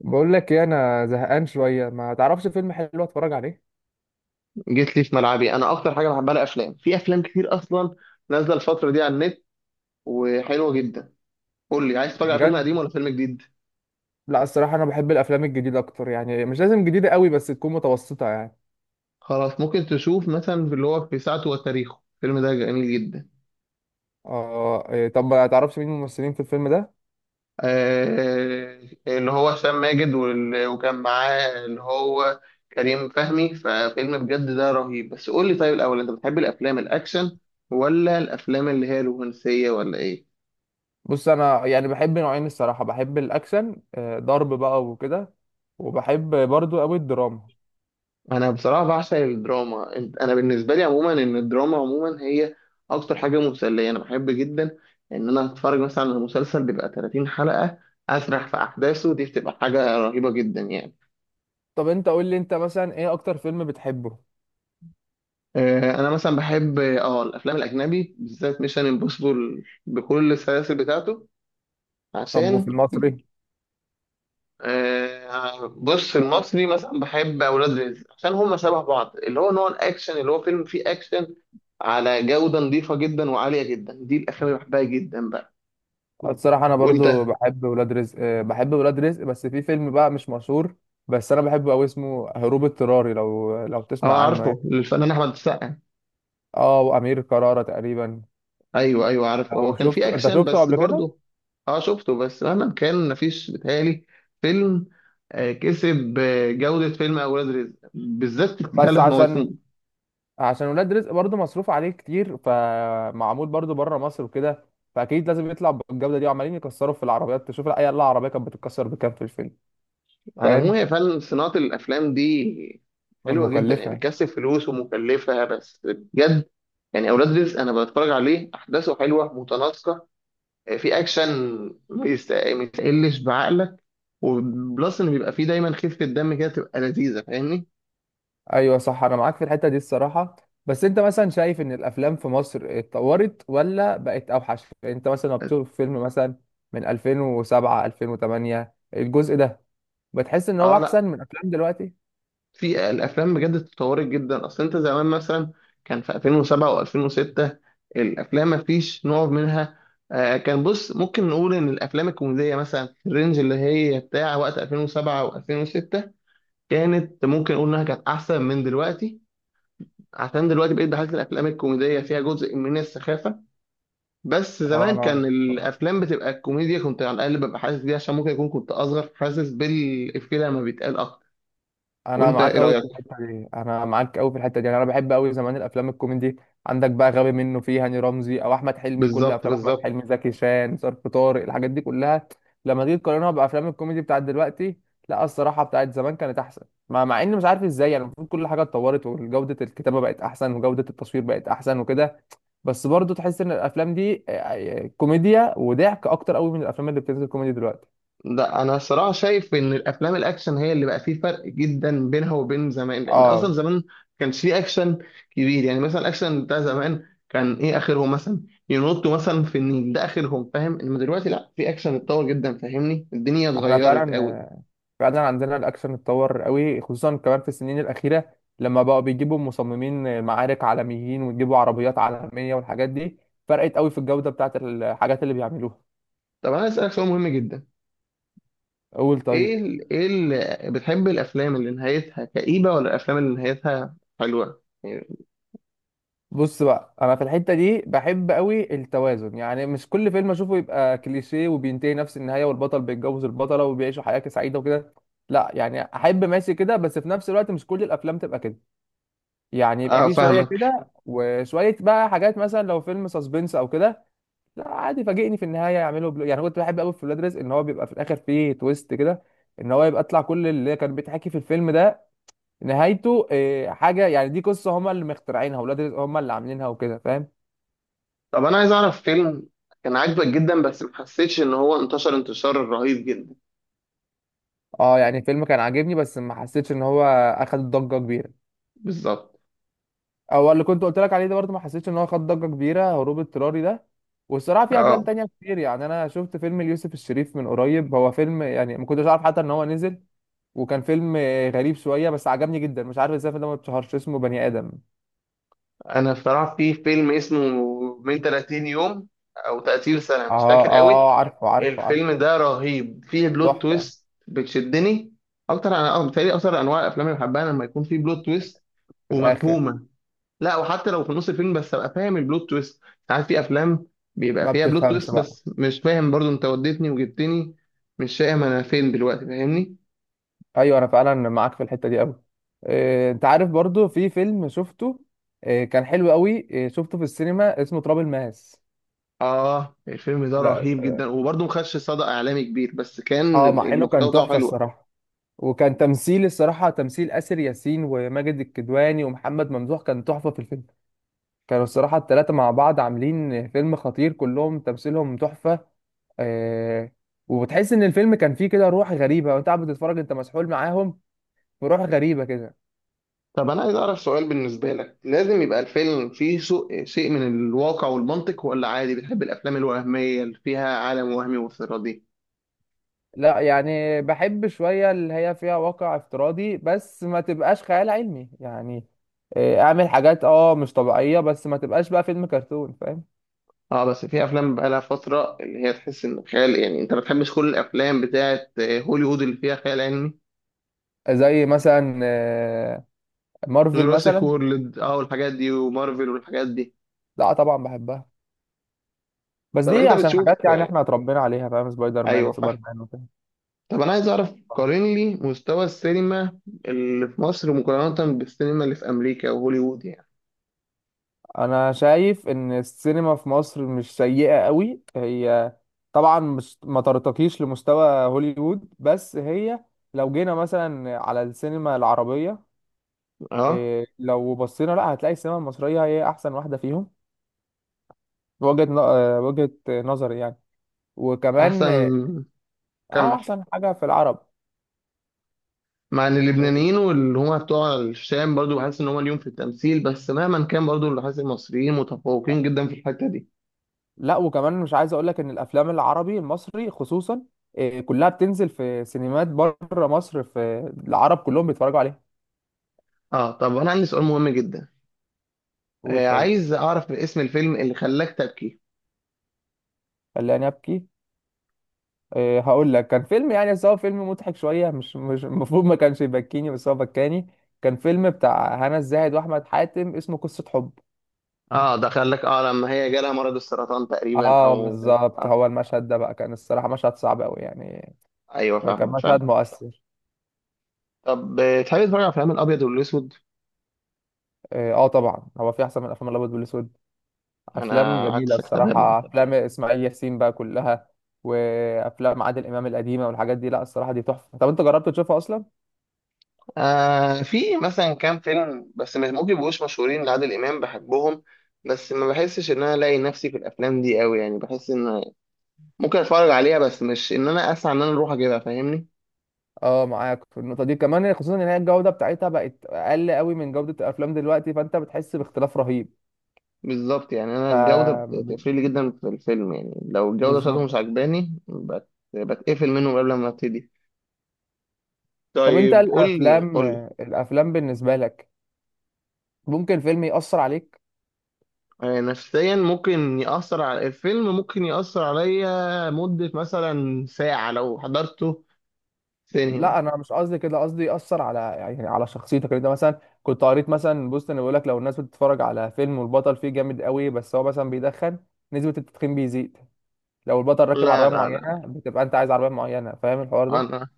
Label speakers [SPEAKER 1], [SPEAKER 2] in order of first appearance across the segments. [SPEAKER 1] بقول لك ايه، انا زهقان شويه، ما تعرفش فيلم حلو اتفرج عليه؟
[SPEAKER 2] جيت لي في ملعبي، انا اكتر حاجه بحبها الافلام. في افلام كتير اصلا نازله الفتره دي على النت وحلوه جدا. قول لي، عايز تتفرج على فيلم
[SPEAKER 1] بجد؟
[SPEAKER 2] قديم ولا فيلم جديد؟
[SPEAKER 1] لا، الصراحه انا بحب الافلام الجديده اكتر، يعني مش لازم جديده قوي بس تكون متوسطه يعني.
[SPEAKER 2] خلاص، ممكن تشوف مثلا في اللي هو في ساعته وتاريخه. الفيلم ده جميل جدا.
[SPEAKER 1] اه، إيه، طب ما تعرفش مين الممثلين في الفيلم ده؟
[SPEAKER 2] آه. اللي هو هشام ماجد وكان معاه اللي هو كريم فهمي. ففيلم بجد ده رهيب. بس قول لي طيب الاول، انت بتحب الافلام الاكشن ولا الافلام اللي هي الرومانسيه ولا ايه؟
[SPEAKER 1] بص، انا يعني بحب نوعين، الصراحه بحب الاكشن، ضرب بقى وكده. وبحب برضو قوي الدراما.
[SPEAKER 2] انا بصراحه بعشق الدراما. انا بالنسبه لي عموما ان الدراما عموما هي اكتر حاجه مسليه انا بحب جدا ان انا اتفرج مثلا على مسلسل بيبقى 30 حلقه، اسرح في احداثه. دي بتبقى حاجه رهيبه جدا يعني.
[SPEAKER 1] طب انت قول لي، انت مثلا ايه اكتر فيلم بتحبه؟
[SPEAKER 2] انا مثلا بحب اه الافلام الاجنبي، بالذات ميشن امبوسيبل بكل السلاسل بتاعته
[SPEAKER 1] طب وفي
[SPEAKER 2] عشان.
[SPEAKER 1] المصري؟
[SPEAKER 2] بص، المصري مثلا بحب اولاد رزق عشان هما شبه بعض اللي هو نوع الاكشن، اللي هو فيلم فيه اكشن على جودة نظيفة جدا وعالية جدا. دي الأفلام اللي بحبها جدا بقى.
[SPEAKER 1] أه، الصراحة أنا
[SPEAKER 2] وأنت؟
[SPEAKER 1] برضو بحب ولاد رزق، بحب ولاد رزق، بس في فيلم بقى مش مشهور. بس أنا بحبه أوي، اسمه هروب اضطراري، لو تسمع
[SPEAKER 2] أه،
[SPEAKER 1] عنه يعني.
[SPEAKER 2] عارفه الفنان أحمد السقا.
[SPEAKER 1] أه، وأمير كرارة تقريبا.
[SPEAKER 2] أيوه أيوه عارفه، هو
[SPEAKER 1] لو
[SPEAKER 2] كان في
[SPEAKER 1] شفته، أنت
[SPEAKER 2] أكشن
[SPEAKER 1] شفته
[SPEAKER 2] بس
[SPEAKER 1] قبل كده؟
[SPEAKER 2] برضه. أه شفته، بس مهما كان مفيش بيتهيألي فيلم كسب جودة فيلم أولاد رزق، بالذات
[SPEAKER 1] بس
[SPEAKER 2] ثلاث مواسم.
[SPEAKER 1] عشان ولاد رزق برضو مصروف عليه كتير، فمعمول برضو بره مصر وكده. فأكيد لازم يطلع بالجودة دي، وعمالين يكسروا في العربيات، تشوف أي عربية كانت بتتكسر بكام في الفيلم.
[SPEAKER 2] على العموم،
[SPEAKER 1] فاهم؟
[SPEAKER 2] هي فعلا صناعة الأفلام دي حلوة جدا يعني،
[SPEAKER 1] مكلفة.
[SPEAKER 2] بتكسب فلوس ومكلفة، بس بجد يعني أولاد رزق أنا بتفرج عليه أحداثه حلوة متناسقة، في اكشن ما يستقلش بعقلك، وبلس ان بيبقى فيه دايما خفه دم كده تبقى لذيذه، فاهمني؟
[SPEAKER 1] ايوه، صح، انا معاك في الحته دي الصراحه. بس انت مثلا شايف ان الافلام في مصر اتطورت ولا بقت اوحش؟ يعني انت مثلا لما بتشوف فيلم مثلا من 2007 2008، الجزء ده، بتحس ان هو
[SPEAKER 2] اه، لا،
[SPEAKER 1] احسن من افلام دلوقتي؟
[SPEAKER 2] في الافلام بجد اتطورت جدا. اصل انت زمان مثلا كان في 2007 و2006 الافلام ما فيش نوع منها. آه، كان بص، ممكن نقول ان الافلام الكوميديه مثلا في الرينج اللي هي بتاع وقت 2007 و2006 كانت، ممكن نقول انها كانت احسن من دلوقتي. عشان دلوقتي بقيت بحس الافلام الكوميديه فيها جزء من السخافه، بس
[SPEAKER 1] اه،
[SPEAKER 2] زمان
[SPEAKER 1] انا
[SPEAKER 2] كان الافلام بتبقى الكوميديا كنت على الاقل ببقى حاسس بيها، عشان ممكن يكون كنت اصغر فحاسس بالافيه لما بيتقال اكتر.
[SPEAKER 1] انا
[SPEAKER 2] وانت
[SPEAKER 1] معاك
[SPEAKER 2] ايه
[SPEAKER 1] قوي في
[SPEAKER 2] رايك؟
[SPEAKER 1] الحته دي، انا معاك قوي في الحته دي، يعني انا بحب قوي زمان الافلام الكوميدي. عندك بقى غبي منه، فيه هاني رمزي او احمد حلمي، كل
[SPEAKER 2] بالظبط
[SPEAKER 1] افلام احمد
[SPEAKER 2] بالظبط.
[SPEAKER 1] حلمي، زكي شان، ظرف طارق، الحاجات دي كلها. لما تيجي تقارنها بافلام الكوميدي بتاعت دلوقتي، لا الصراحه بتاعت زمان كانت احسن. مع اني مش عارف ازاي يعني، المفروض كل حاجه اتطورت، وجوده الكتابه بقت احسن، وجوده التصوير بقت احسن وكده. بس برضه تحس ان الافلام دي كوميديا وضحك اكتر قوي من الافلام اللي بتنزل كوميدي دلوقتي.
[SPEAKER 2] لا، انا الصراحه شايف ان الافلام الاكشن هي اللي بقى فيه فرق جدا بينها وبين زمان، لان اصلا
[SPEAKER 1] اه،
[SPEAKER 2] زمان ما كانش فيه اكشن كبير. يعني مثلا الاكشن بتاع زمان كان ايه اخرهم؟ مثلا ينطوا مثلا في النيل، ده اخرهم، فاهم؟ انما دلوقتي لا، في اكشن اتطور جدا، فاهمني؟ الدنيا
[SPEAKER 1] احنا
[SPEAKER 2] اتغيرت قوي.
[SPEAKER 1] فعلا فعلا عندنا الاكشن اتطور قوي، خصوصا كمان في السنين الاخيره لما بقوا بيجيبوا مصممين معارك عالميين ويجيبوا عربيات عالميه والحاجات دي. فرقت قوي في الجوده بتاعت الحاجات اللي بيعملوها.
[SPEAKER 2] طب انا اسالك سؤال مهم جدا،
[SPEAKER 1] قول طيب.
[SPEAKER 2] ايه اللي، بتحب الافلام اللي نهايتها كئيبه ولا الافلام اللي نهايتها حلوه يعني؟
[SPEAKER 1] بص بقى، انا في الحته دي بحب قوي التوازن، يعني مش كل فيلم اشوفه يبقى كليشيه وبينتهي نفس النهايه، والبطل بيتجوز البطله وبيعيشوا حياه سعيده وكده. لا، يعني احب ماشي كده، بس في نفس الوقت مش كل الافلام تبقى كده. يعني يبقى
[SPEAKER 2] اه
[SPEAKER 1] في شويه
[SPEAKER 2] فاهمك.
[SPEAKER 1] كده وشويه بقى حاجات، مثلا لو فيلم سسبنس او كده. لا، عادي فاجئني في النهايه، يعملوا يعني كنت بحب قوي في ولاد رزق ان هو بيبقى في الاخر فيه تويست كده. ان هو يبقى طلع كل اللي كان بيتحكي في الفيلم ده، نهايته إيه حاجه، يعني دي قصه هما اللي مخترعينها، ولاد رزق هما اللي عاملينها وكده، فاهم؟
[SPEAKER 2] طب انا عايز اعرف فيلم كان عاجبك جدا بس ما حسيتش ان هو انتشر انتشار رهيب جدا.
[SPEAKER 1] اه، يعني الفيلم كان عاجبني، بس ما حسيتش ان هو اخد ضجه كبيره.
[SPEAKER 2] بالظبط.
[SPEAKER 1] هو اللي كنت قلت لك عليه ده برضه ما حسيتش ان هو خد ضجه كبيره، هروب اضطراري ده. والصراحه في افلام
[SPEAKER 2] اه،
[SPEAKER 1] تانية كتير، يعني انا شفت فيلم ليوسف الشريف من قريب، هو فيلم يعني ما كنتش عارف حتى ان هو نزل. وكان فيلم غريب شويه، بس عجبني جدا، مش عارف ازاي الفيلم ده ما اتشهرش، اسمه بني ادم.
[SPEAKER 2] انا بصراحه في فيلم اسمه من 30 يوم او 30 سنه،
[SPEAKER 1] اه،
[SPEAKER 2] مش
[SPEAKER 1] اه،
[SPEAKER 2] فاكر قوي.
[SPEAKER 1] اه، آه، عارفه، عارفه،
[SPEAKER 2] الفيلم
[SPEAKER 1] عارفه.
[SPEAKER 2] ده رهيب فيه بلوت
[SPEAKER 1] تحفه.
[SPEAKER 2] تويست بتشدني اكتر. انا اه بتهيألي اكتر انواع الافلام اللي بحبها لما يكون فيه بلوت تويست
[SPEAKER 1] في الاخر.
[SPEAKER 2] ومفهومه. لا، وحتى لو في نص الفيلم، بس ابقى فاهم البلوت تويست. ساعات في افلام بيبقى
[SPEAKER 1] ما
[SPEAKER 2] فيها بلوت
[SPEAKER 1] بتفهمش
[SPEAKER 2] تويست
[SPEAKER 1] بقى.
[SPEAKER 2] بس مش فاهم، برضو انت وديتني وجبتني، مش فاهم انا فين دلوقتي، فاهمني؟
[SPEAKER 1] ايوه، انا فعلا معاك في الحته دي قوي. انت عارف برضه في فيلم شفته، كان حلو قوي، شفته في السينما، اسمه تراب الماس.
[SPEAKER 2] اه، الفيلم ده
[SPEAKER 1] لا.
[SPEAKER 2] رهيب جدا، وبرضو ما خدش صدى اعلامي كبير، بس كان
[SPEAKER 1] اه، مع انه
[SPEAKER 2] المحتوى
[SPEAKER 1] كان
[SPEAKER 2] بتاعه
[SPEAKER 1] تحفه
[SPEAKER 2] حلو.
[SPEAKER 1] الصراحه. وكان تمثيل الصراحه، تمثيل آسر ياسين وماجد الكدواني ومحمد ممدوح، كان تحفه في الفيلم. كانوا الصراحه الثلاثه مع بعض عاملين فيلم خطير، كلهم تمثيلهم تحفه. آه. وبتحس ان الفيلم كان فيه كده روح غريبه، وانت قاعد بتتفرج انت مسحول معاهم. في روح غريبه كده.
[SPEAKER 2] طب انا عايز اعرف سؤال بالنسبه لك، لازم يبقى الفيلم فيه شيء من الواقع والمنطق ولا عادي بتحب الافلام الوهميه اللي فيها عالم وهمي وافتراضي؟
[SPEAKER 1] لا، يعني بحب شويه اللي هي فيها واقع افتراضي، بس ما تبقاش خيال علمي يعني. اعمل حاجات مش طبيعيه، بس ما تبقاش بقى فيلم كرتون، فاهم؟
[SPEAKER 2] اه، بس في افلام بقى لها فتره اللي هي تحس ان خيال، يعني انت ما بتحبش كل الافلام بتاعه هوليوود اللي فيها خيال علمي؟
[SPEAKER 1] زي مثلا مارفل
[SPEAKER 2] جوراسيك
[SPEAKER 1] مثلا.
[SPEAKER 2] وورلد اه والحاجات دي، ومارفل والحاجات دي.
[SPEAKER 1] لا، طبعا بحبها. بس
[SPEAKER 2] طب
[SPEAKER 1] دي
[SPEAKER 2] انت
[SPEAKER 1] عشان
[SPEAKER 2] بتشوف
[SPEAKER 1] حاجات يعني
[SPEAKER 2] آه.
[SPEAKER 1] احنا اتربينا عليها، فاهم؟ سبايدر مان
[SPEAKER 2] ايوه فاهم.
[SPEAKER 1] وسوبر مان وكده.
[SPEAKER 2] طب انا عايز اعرف، قارن لي مستوى السينما اللي في مصر مقارنه بالسينما اللي في امريكا وهوليوود يعني.
[SPEAKER 1] انا شايف ان السينما في مصر مش سيئة قوي، هي طبعا مش ما ترتقيش لمستوى هوليوود، بس هي لو جينا مثلا على السينما العربية،
[SPEAKER 2] اه.
[SPEAKER 1] لو بصينا لا هتلاقي السينما المصرية هي احسن واحدة فيهم. وجهة ن- آه، وجهة نظري يعني. وكمان،
[SPEAKER 2] احسن.
[SPEAKER 1] اه. أه،
[SPEAKER 2] كمل.
[SPEAKER 1] احسن حاجة في العرب.
[SPEAKER 2] مع ان اللبنانيين واللي هم بتوع الشام برضو بحس ان هم ليهم في التمثيل، بس مهما كان برضو اللي حاسس المصريين متفوقين جدا في الحته دي.
[SPEAKER 1] لا، وكمان مش عايز اقول لك ان الافلام العربي المصري خصوصا كلها بتنزل في سينمات بره مصر، في العرب كلهم بيتفرجوا عليها.
[SPEAKER 2] اه. طب انا عندي سؤال مهم جدا،
[SPEAKER 1] قول
[SPEAKER 2] آه،
[SPEAKER 1] طيب.
[SPEAKER 2] عايز اعرف اسم الفيلم اللي خلاك تبكي.
[SPEAKER 1] خلاني ابكي؟ هقول لك كان فيلم يعني، بس هو فيلم مضحك شويه، مش المفروض ما كانش يبكيني، بس هو بكاني. كان فيلم بتاع هنا الزاهد واحمد حاتم، اسمه قصه حب.
[SPEAKER 2] اه ده خلاك، اه لما هي جالها مرض السرطان تقريبا
[SPEAKER 1] اه،
[SPEAKER 2] او.
[SPEAKER 1] بالظبط،
[SPEAKER 2] آه.
[SPEAKER 1] هو المشهد ده بقى كان الصراحه مشهد صعب قوي يعني.
[SPEAKER 2] ايوه
[SPEAKER 1] كان
[SPEAKER 2] فاهمك
[SPEAKER 1] مشهد
[SPEAKER 2] فاهم.
[SPEAKER 1] مؤثر.
[SPEAKER 2] طب تحب تتفرج على افلام الابيض والاسود؟
[SPEAKER 1] اه، آه، طبعا هو في احسن من افلام الابيض والاسود. افلام
[SPEAKER 2] انا قعدت
[SPEAKER 1] جميله
[SPEAKER 2] ساكت تماما.
[SPEAKER 1] الصراحه، افلام اسماعيل ياسين بقى كلها، وافلام عادل امام القديمه والحاجات دي، لا الصراحه دي تحفه، طب انت جربت تشوفها اصلا؟
[SPEAKER 2] آه، في مثلا كام فيلم بس مش ممكن يبقوش مشهورين لعادل امام بحبهم، بس ما بحسش ان انا الاقي نفسي في الافلام دي قوي، يعني بحس ان ممكن اتفرج عليها بس مش ان انا اسعى ان انا اروح اجيبها، فاهمني؟
[SPEAKER 1] اه، معاك في النقطه دي كمان، خصوصا ان هي الجوده بتاعتها بقت اقل قوي من جوده الافلام دلوقتي، فانت بتحس باختلاف رهيب.
[SPEAKER 2] بالظبط، يعني انا
[SPEAKER 1] ف...
[SPEAKER 2] الجوده بتفرق لي جدا في الفيلم، يعني لو الجوده بتاعته
[SPEAKER 1] بالظبط.
[SPEAKER 2] مش عجباني بت... بتقفل منه قبل ما ابتدي.
[SPEAKER 1] طب انت،
[SPEAKER 2] طيب، قول لي
[SPEAKER 1] الافلام
[SPEAKER 2] قول لي.
[SPEAKER 1] الافلام بالنسبه لك، ممكن فيلم يأثر عليك؟
[SPEAKER 2] نفسيا ممكن يأثر على الفيلم، ممكن يأثر عليا مدة مثلا ساعة لو حضرته
[SPEAKER 1] لا،
[SPEAKER 2] سينما.
[SPEAKER 1] انا مش قصدي كده، قصدي ياثر على، يعني على شخصيتك، يعني انت مثلا كنت قريت مثلا بوست انه بيقول لك لو الناس بتتفرج على فيلم والبطل فيه جامد قوي بس هو مثلا بيدخن، نسبه التدخين بيزيد. لو البطل راكب
[SPEAKER 2] لا
[SPEAKER 1] عربيه
[SPEAKER 2] لا لا.
[SPEAKER 1] معينه، بتبقى انت عايز عربيه معينه، فاهم الحوار ده؟
[SPEAKER 2] انا،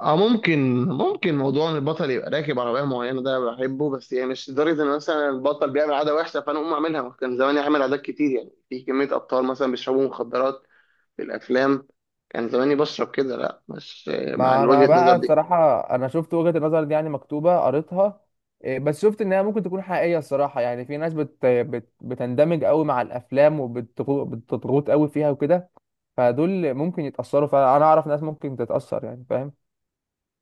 [SPEAKER 2] اه ممكن ممكن موضوع ان البطل يبقى راكب عربية معينة ده بحبه، بس يعني مش لدرجة ان مثلا البطل بيعمل عادة وحشة فانا اقوم اعملها. كان زمان يعمل عادات كتير، يعني في كمية ابطال مثلا بيشربوا مخدرات بالافلام، كان زماني بشرب كده؟ لا، مش مع
[SPEAKER 1] ما
[SPEAKER 2] وجهة
[SPEAKER 1] انا
[SPEAKER 2] النظر
[SPEAKER 1] بقى
[SPEAKER 2] دي.
[SPEAKER 1] الصراحه انا شفت وجهه النظر دي يعني مكتوبه قريتها. بس شفت انها ممكن تكون حقيقيه الصراحه، يعني في ناس بتندمج قوي مع الافلام، وبتضغط قوي فيها وكده. فدول ممكن يتاثروا، فانا اعرف ناس ممكن تتاثر يعني، فاهم؟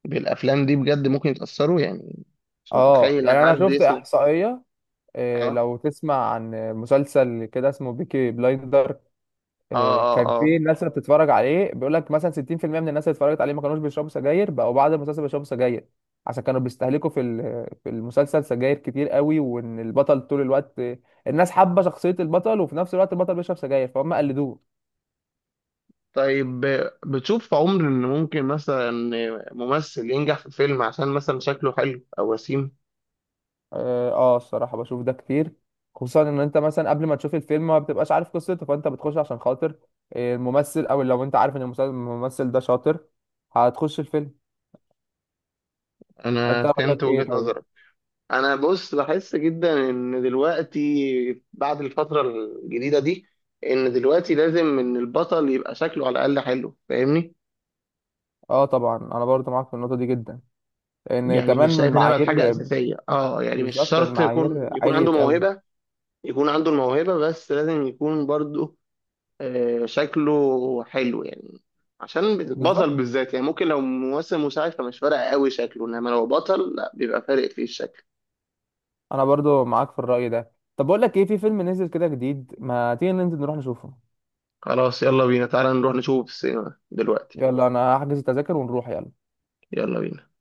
[SPEAKER 2] بالافلام دي بجد ممكن يتاثروا يعني؟ مش
[SPEAKER 1] اه،
[SPEAKER 2] متخيل
[SPEAKER 1] يعني
[SPEAKER 2] ان
[SPEAKER 1] انا
[SPEAKER 2] حد
[SPEAKER 1] شفت
[SPEAKER 2] يسمع.
[SPEAKER 1] احصائيه،
[SPEAKER 2] اه
[SPEAKER 1] لو تسمع عن مسلسل كده اسمه بيكي بلايندر.
[SPEAKER 2] اه اه
[SPEAKER 1] كان
[SPEAKER 2] اه.
[SPEAKER 1] في ناس اللي بتتفرج عليه بيقول لك مثلا 60% من الناس اللي اتفرجت عليه ما كانوش بيشربوا سجاير، بقوا بعد المسلسل بيشربوا سجاير. عشان كانوا بيستهلكوا في المسلسل سجاير كتير قوي، وان البطل طول الوقت، الناس حابه شخصيه البطل، وفي نفس الوقت البطل بيشرب سجاير، فهم قلدوه.
[SPEAKER 2] طيب بتشوف في عمر ان ممكن مثلا ممثل ينجح في فيلم عشان مثلا شكله حلو او وسيم؟
[SPEAKER 1] اه، الصراحه بشوف ده كتير. خصوصا ان انت مثلا قبل ما تشوف الفيلم ما بتبقاش عارف قصته، فانت بتخش عشان خاطر الممثل، او لو انت عارف ان الممثل ده شاطر، هتخش الفيلم.
[SPEAKER 2] انا
[SPEAKER 1] انت
[SPEAKER 2] فهمت
[SPEAKER 1] رايك ايه
[SPEAKER 2] وجهة
[SPEAKER 1] طيب؟
[SPEAKER 2] نظرك. انا بص بحس جدا ان دلوقتي بعد الفترة الجديدة دي ان دلوقتي لازم ان البطل يبقى شكله على الاقل حلو، فاهمني؟
[SPEAKER 1] اه، طبعا انا برضه معاك في النقطه دي جدا، لان
[SPEAKER 2] يعني
[SPEAKER 1] كمان من
[SPEAKER 2] شايف انها بقت حاجه
[SPEAKER 1] المعايير.
[SPEAKER 2] اساسيه، اه يعني مش
[SPEAKER 1] بالظبط،
[SPEAKER 2] شرط يكون
[SPEAKER 1] المعايير
[SPEAKER 2] يكون
[SPEAKER 1] عاليه
[SPEAKER 2] عنده
[SPEAKER 1] قوي.
[SPEAKER 2] موهبه، يكون عنده الموهبه بس لازم يكون برضه شكله حلو يعني. عشان
[SPEAKER 1] بالظبط،
[SPEAKER 2] البطل بالذات يعني، ممكن لو ممثل مساعد فمش فارق قوي شكله، انما لو بطل لا، بيبقى فارق فيه الشكل.
[SPEAKER 1] انا برضه معاك في الراي ده. طب بقول لك ايه، في فيلم نزل كده جديد، ما تيجي ننزل نروح نشوفه؟
[SPEAKER 2] خلاص يلا بينا، تعالى نروح نشوفه في السينما دلوقتي.
[SPEAKER 1] يلا، انا هحجز التذاكر ونروح، يلا.
[SPEAKER 2] يلا بينا.